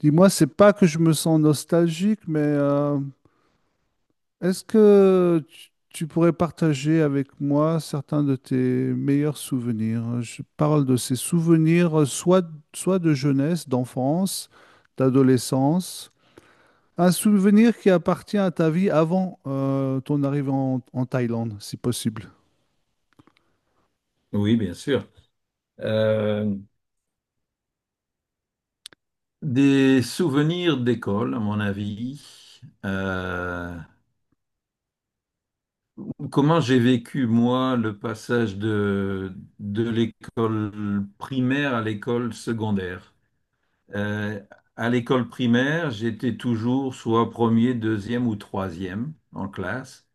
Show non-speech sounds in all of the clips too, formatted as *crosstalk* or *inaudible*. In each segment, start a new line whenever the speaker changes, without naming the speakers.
Dis-moi, c'est pas que je me sens nostalgique, mais est-ce que tu pourrais partager avec moi certains de tes meilleurs souvenirs? Je parle de ces souvenirs, soit de jeunesse, d'enfance, d'adolescence, un souvenir qui appartient à ta vie avant ton arrivée en Thaïlande, si possible.
Oui, bien sûr. Euh, des souvenirs d'école, à mon avis. Comment j'ai vécu, moi, le passage de l'école primaire à l'école secondaire. Euh, à l'école primaire, j'étais toujours soit premier, deuxième ou troisième en classe.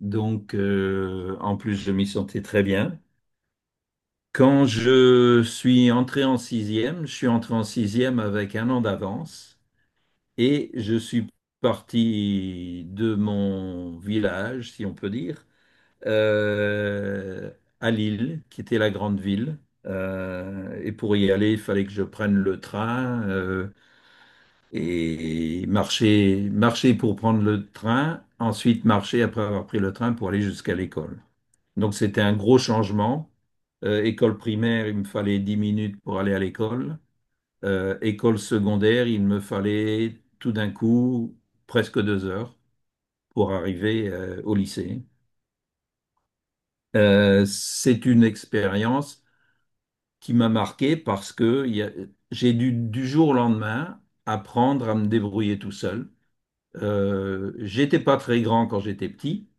Donc, en plus, je m'y sentais très bien. Quand je suis entré en sixième, je suis entré en sixième avec un an d'avance. Et je suis parti de mon village, si on peut dire, euh, à Lille, qui était la grande ville. Et pour y aller, il fallait que je prenne le train et marcher, marcher pour prendre le train, ensuite marcher après avoir pris le train pour aller jusqu'à l'école. Donc c'était un gros changement. École primaire, il me fallait 10 minutes pour aller à l'école. École secondaire, il me fallait tout d'un coup presque 2 heures pour arriver au lycée. C'est une expérience qui m'a marqué parce que j'ai dû du jour au lendemain apprendre à me débrouiller tout seul. J'étais pas très grand quand j'étais petit.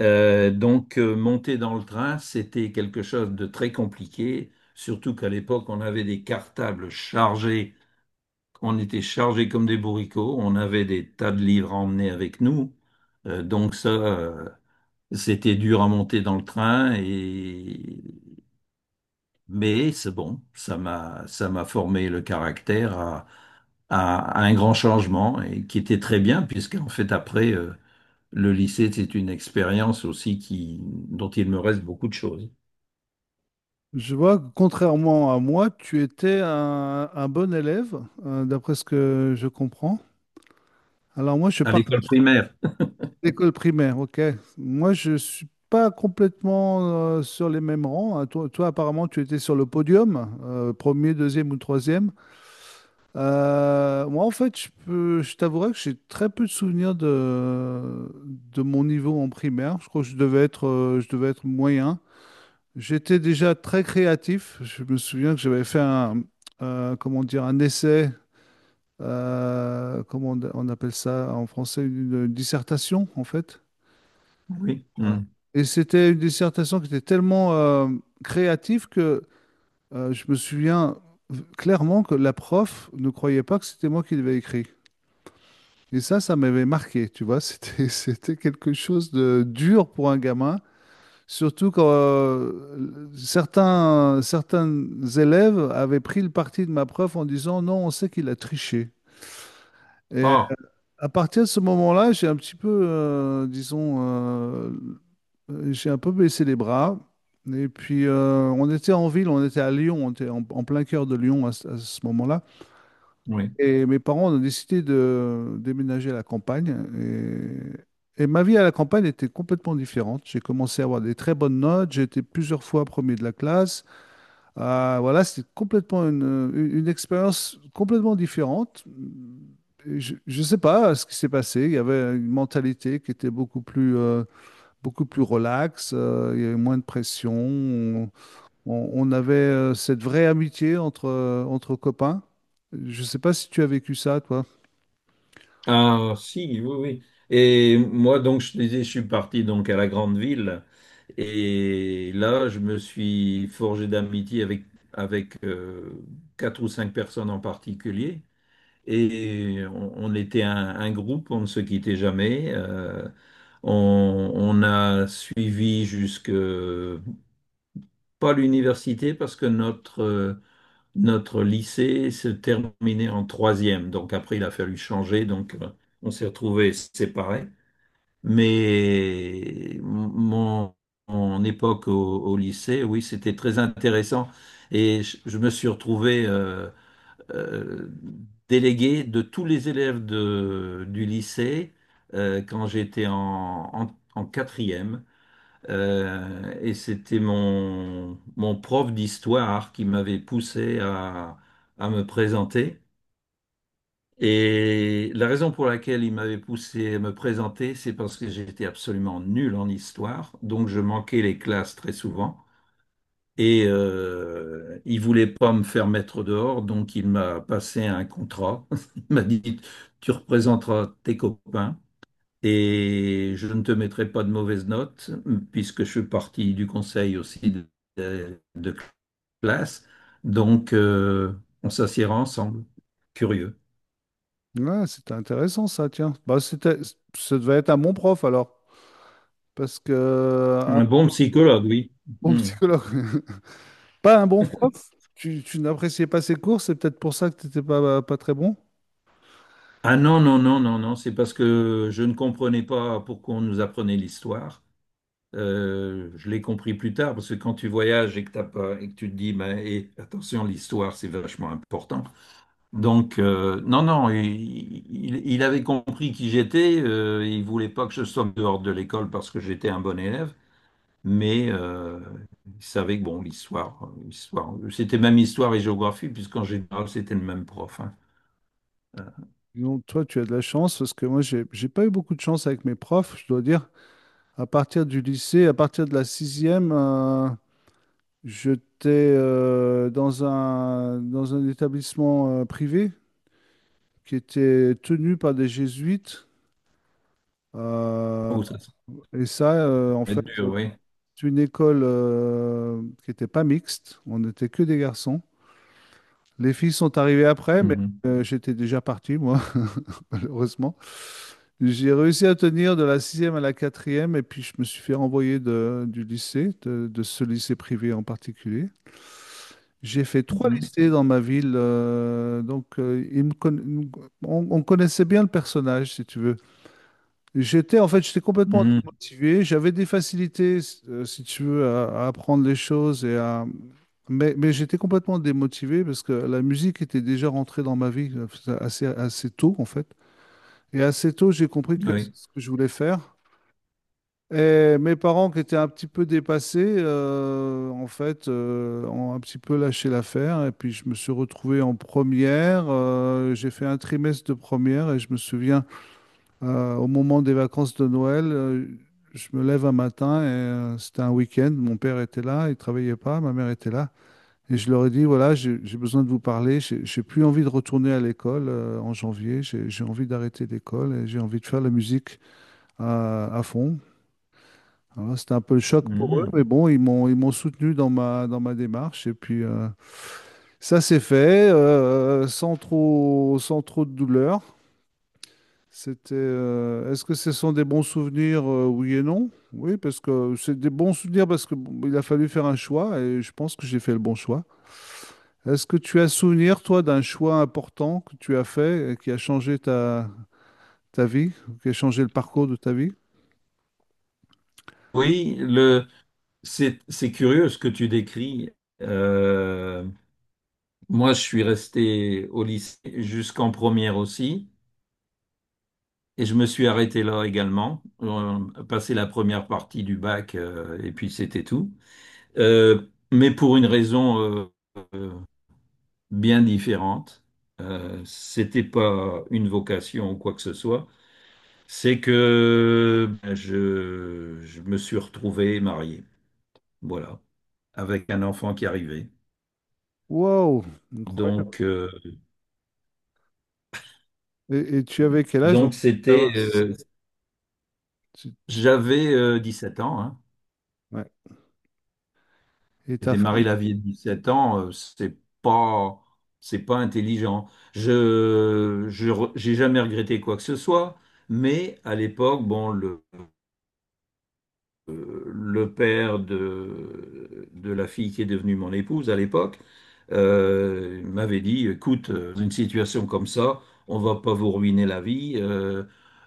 Donc, monter dans le train, c'était quelque chose de très compliqué, surtout qu'à l'époque, on avait des cartables chargés. On était chargés comme des bourricots, on avait des tas de livres à emmener avec nous. Donc ça, c'était dur à monter dans le train et mais c'est bon, ça m'a formé le caractère à un grand changement et qui était très bien puisqu'en fait après le lycée c'est une expérience aussi qui dont il me reste beaucoup de choses.
Je vois que contrairement à moi, tu étais un bon élève, d'après ce que je comprends. Alors moi, je
À l'école
partage.
primaire.
L'école primaire, ok. Moi, je suis pas complètement sur les mêmes rangs. Toi, apparemment, tu étais sur le podium, premier, deuxième ou troisième. Moi, en fait, je t'avouerai que j'ai très peu de souvenirs de mon niveau en primaire. Je crois que je devais être moyen. J'étais déjà très créatif. Je me souviens que j'avais fait comment dire, un essai. Euh, comment on appelle ça en français, une dissertation, en fait.
Oui.
Ouais.
Mm.
Et c'était une dissertation qui était tellement créative que je me souviens clairement que la prof ne croyait pas que c'était moi qui l'avais écrit. Et ça m'avait marqué, tu vois. *laughs* C'était, c'était quelque chose de dur pour un gamin, surtout quand certains élèves avaient pris le parti de ma prof en disant non, on sait qu'il a triché. Et
Ah,
à partir de ce moment-là, j'ai un petit peu, disons, j'ai un peu baissé les bras. Et puis, on était en ville, on était à Lyon, on était en plein cœur de Lyon ce à ce moment-là.
oui.
Et mes parents ont décidé de déménager à la campagne. Et ma vie à la campagne était complètement différente. J'ai commencé à avoir des très bonnes notes, j'ai été plusieurs fois premier de la classe. Ah, voilà, c'était complètement une expérience complètement différente. Et je ne sais pas ce qui s'est passé. Il y avait une mentalité qui était beaucoup plus relax, il y avait moins de pression. On avait cette vraie amitié entre copains. Je ne sais pas si tu as vécu ça, toi.
Ah, si, oui, oui. Et moi, donc, je te disais, je suis parti donc à la grande ville. Et là, je me suis forgé d'amitié avec, avec euh, quatre ou cinq personnes en particulier. Et on était un groupe, on ne se quittait jamais. On a suivi jusque, pas l'université, parce que notre lycée se terminait en troisième. Donc après, il a fallu changer. Donc, on s'est retrouvés séparés. Mais mon époque au lycée, oui, c'était très intéressant. Et je me suis retrouvé euh, délégué de tous les élèves du lycée quand j'étais en quatrième. Et c'était mon prof d'histoire qui m'avait poussé à me présenter. Et la raison pour laquelle il m'avait poussé à me présenter, c'est parce que j'étais absolument nul en histoire, donc je manquais les classes très souvent. Et il voulait pas me faire mettre dehors, donc il m'a passé un contrat. *laughs* Il m'a dit, tu représenteras tes copains. Et je ne te mettrai pas de mauvaises notes, puisque je suis parti du conseil aussi de classe. Donc, on s'assiera ensemble. Curieux.
Ouais, c'était intéressant ça, tiens. Bah, c'était, ça devait être un bon prof alors. Parce que un
Un bon psychologue, oui.
bon
Hmm.
psychologue, *laughs* pas un bon prof, tu n'appréciais pas ses cours, c'est peut-être pour ça que tu n'étais pas, pas très bon.
Ah non, non, non, non, non, c'est parce que je ne comprenais pas pourquoi on nous apprenait l'histoire. Je l'ai compris plus tard, parce que quand tu voyages et que t'as pas, et que tu te dis, ben, et attention, l'histoire, c'est vachement important. Donc, non, non, il avait compris qui j'étais. Il voulait pas que je sorte dehors de l'école parce que j'étais un bon élève, mais il savait que, bon, l'histoire, l'histoire, c'était même histoire et géographie, puisqu'en général, c'était le même prof, hein. Euh,
Donc, toi, tu as de la chance, parce que moi, j'ai pas eu beaucoup de chance avec mes profs, je dois dire. À partir du lycée, à partir de la sixième, j'étais dans dans un établissement privé qui était tenu par des jésuites. Euh,
oh, ça
et ça, en
va
fait,
être dur, oui.
c'est une école qui n'était pas mixte. On n'était que des garçons. Les filles sont arrivées après, mais
Mhm.
j'étais déjà parti, moi, *laughs* malheureusement. J'ai réussi à tenir de la sixième à la quatrième, et puis je me suis fait renvoyer du lycée, de ce lycée privé en particulier. J'ai fait trois
Mhm.
lycées dans ma ville, donc on connaissait bien le personnage, si tu veux. J'étais complètement
Mhm.
démotivé. J'avais des facilités, si tu veux, à apprendre les choses et à... mais j'étais complètement démotivé parce que la musique était déjà rentrée dans ma vie assez tôt, en fait. Et assez tôt, j'ai compris que c'est
Oui.
ce que je voulais faire. Et mes parents qui étaient un petit peu dépassés, ont un petit peu lâché l'affaire. Et puis je me suis retrouvé en première. Euh, j'ai fait un trimestre de première et je me souviens, au moment des vacances de Noël, je me lève un matin et c'était un week-end. Mon père était là, il travaillait pas, ma mère était là. Et je leur ai dit, voilà, j'ai besoin de vous parler. J'ai plus envie de retourner à l'école en janvier. J'ai envie d'arrêter l'école et j'ai envie de faire la musique à fond. Alors, là, c'était un peu le choc pour eux,
Mhm.
mais bon, ils m'ont soutenu dans ma démarche et puis ça s'est fait sans trop de douleur. C'était est-ce que ce sont des bons souvenirs oui et non? Oui, parce que c'est des bons souvenirs parce que bon, il a fallu faire un choix et je pense que j'ai fait le bon choix. Est-ce que tu as souvenir toi d'un choix important que tu as fait et qui a changé ta vie, qui a changé le parcours de ta vie?
Oui, c'est curieux ce que tu décris. Euh, Moi, je suis resté au lycée jusqu'en première aussi, et je me suis arrêté là également. On a passé la première partie du bac, et puis c'était tout. Mais pour une raison euh, bien différente, c'était pas une vocation ou quoi que ce soit. C'est que ben, je me suis retrouvé marié. Voilà, avec un enfant qui arrivait.
Wow,
Donc,
incroyable.
euh,
Et tu avais quel âge donc?
donc,
Tu- tu-
j'avais 7 ans, hein.
ouais. Et
J'ai
ta
démarré
femme,
la vie à 17 ans. C'est pas intelligent. J'ai jamais regretté quoi que ce soit, mais à l'époque, bon, le père de la fille qui est devenue mon épouse à l'époque. Il m'avait dit, écoute, une situation comme ça, on va pas vous ruiner la vie. euh,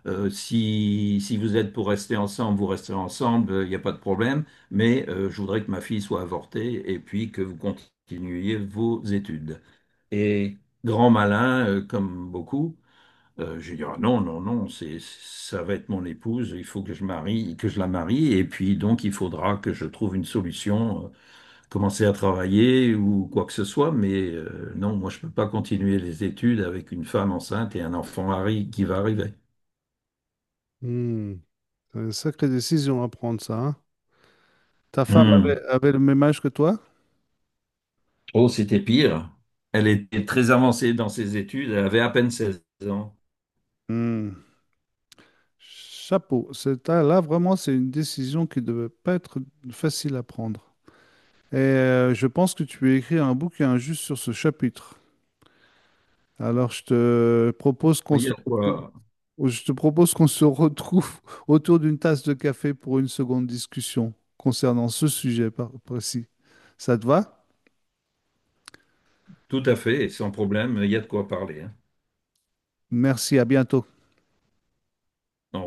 euh, Si vous êtes pour rester ensemble, vous resterez ensemble, il n'y a pas de problème. Mais je voudrais que ma fille soit avortée et puis que vous continuiez vos études. Et grand malin, comme beaucoup, je vais dire, ah non, non, non, ça va être mon épouse, il faut que je marie, que je la marie, et puis donc il faudra que je trouve une solution, commencer à travailler ou quoi que ce soit, mais non, moi je peux pas continuer les études avec une femme enceinte et un enfant qui va arriver.
hmm, c'est une sacrée décision à prendre ça, hein. Ta femme avait,
Hmm.
avait le même âge que toi?
Oh, c'était pire. Elle était très avancée dans ses études, elle avait à peine 16 ans.
Hmm, chapeau. Là, vraiment, c'est une décision qui ne devait pas être facile à prendre. Et je pense que tu as écrit un bouquin juste sur ce chapitre. Alors,
Il y a de quoi,
je te propose qu'on se retrouve *laughs* autour d'une tasse de café pour une seconde discussion concernant ce sujet précis. Ça te va?
tout à fait, sans problème, il y a de quoi parler,
Merci, à bientôt.
hein.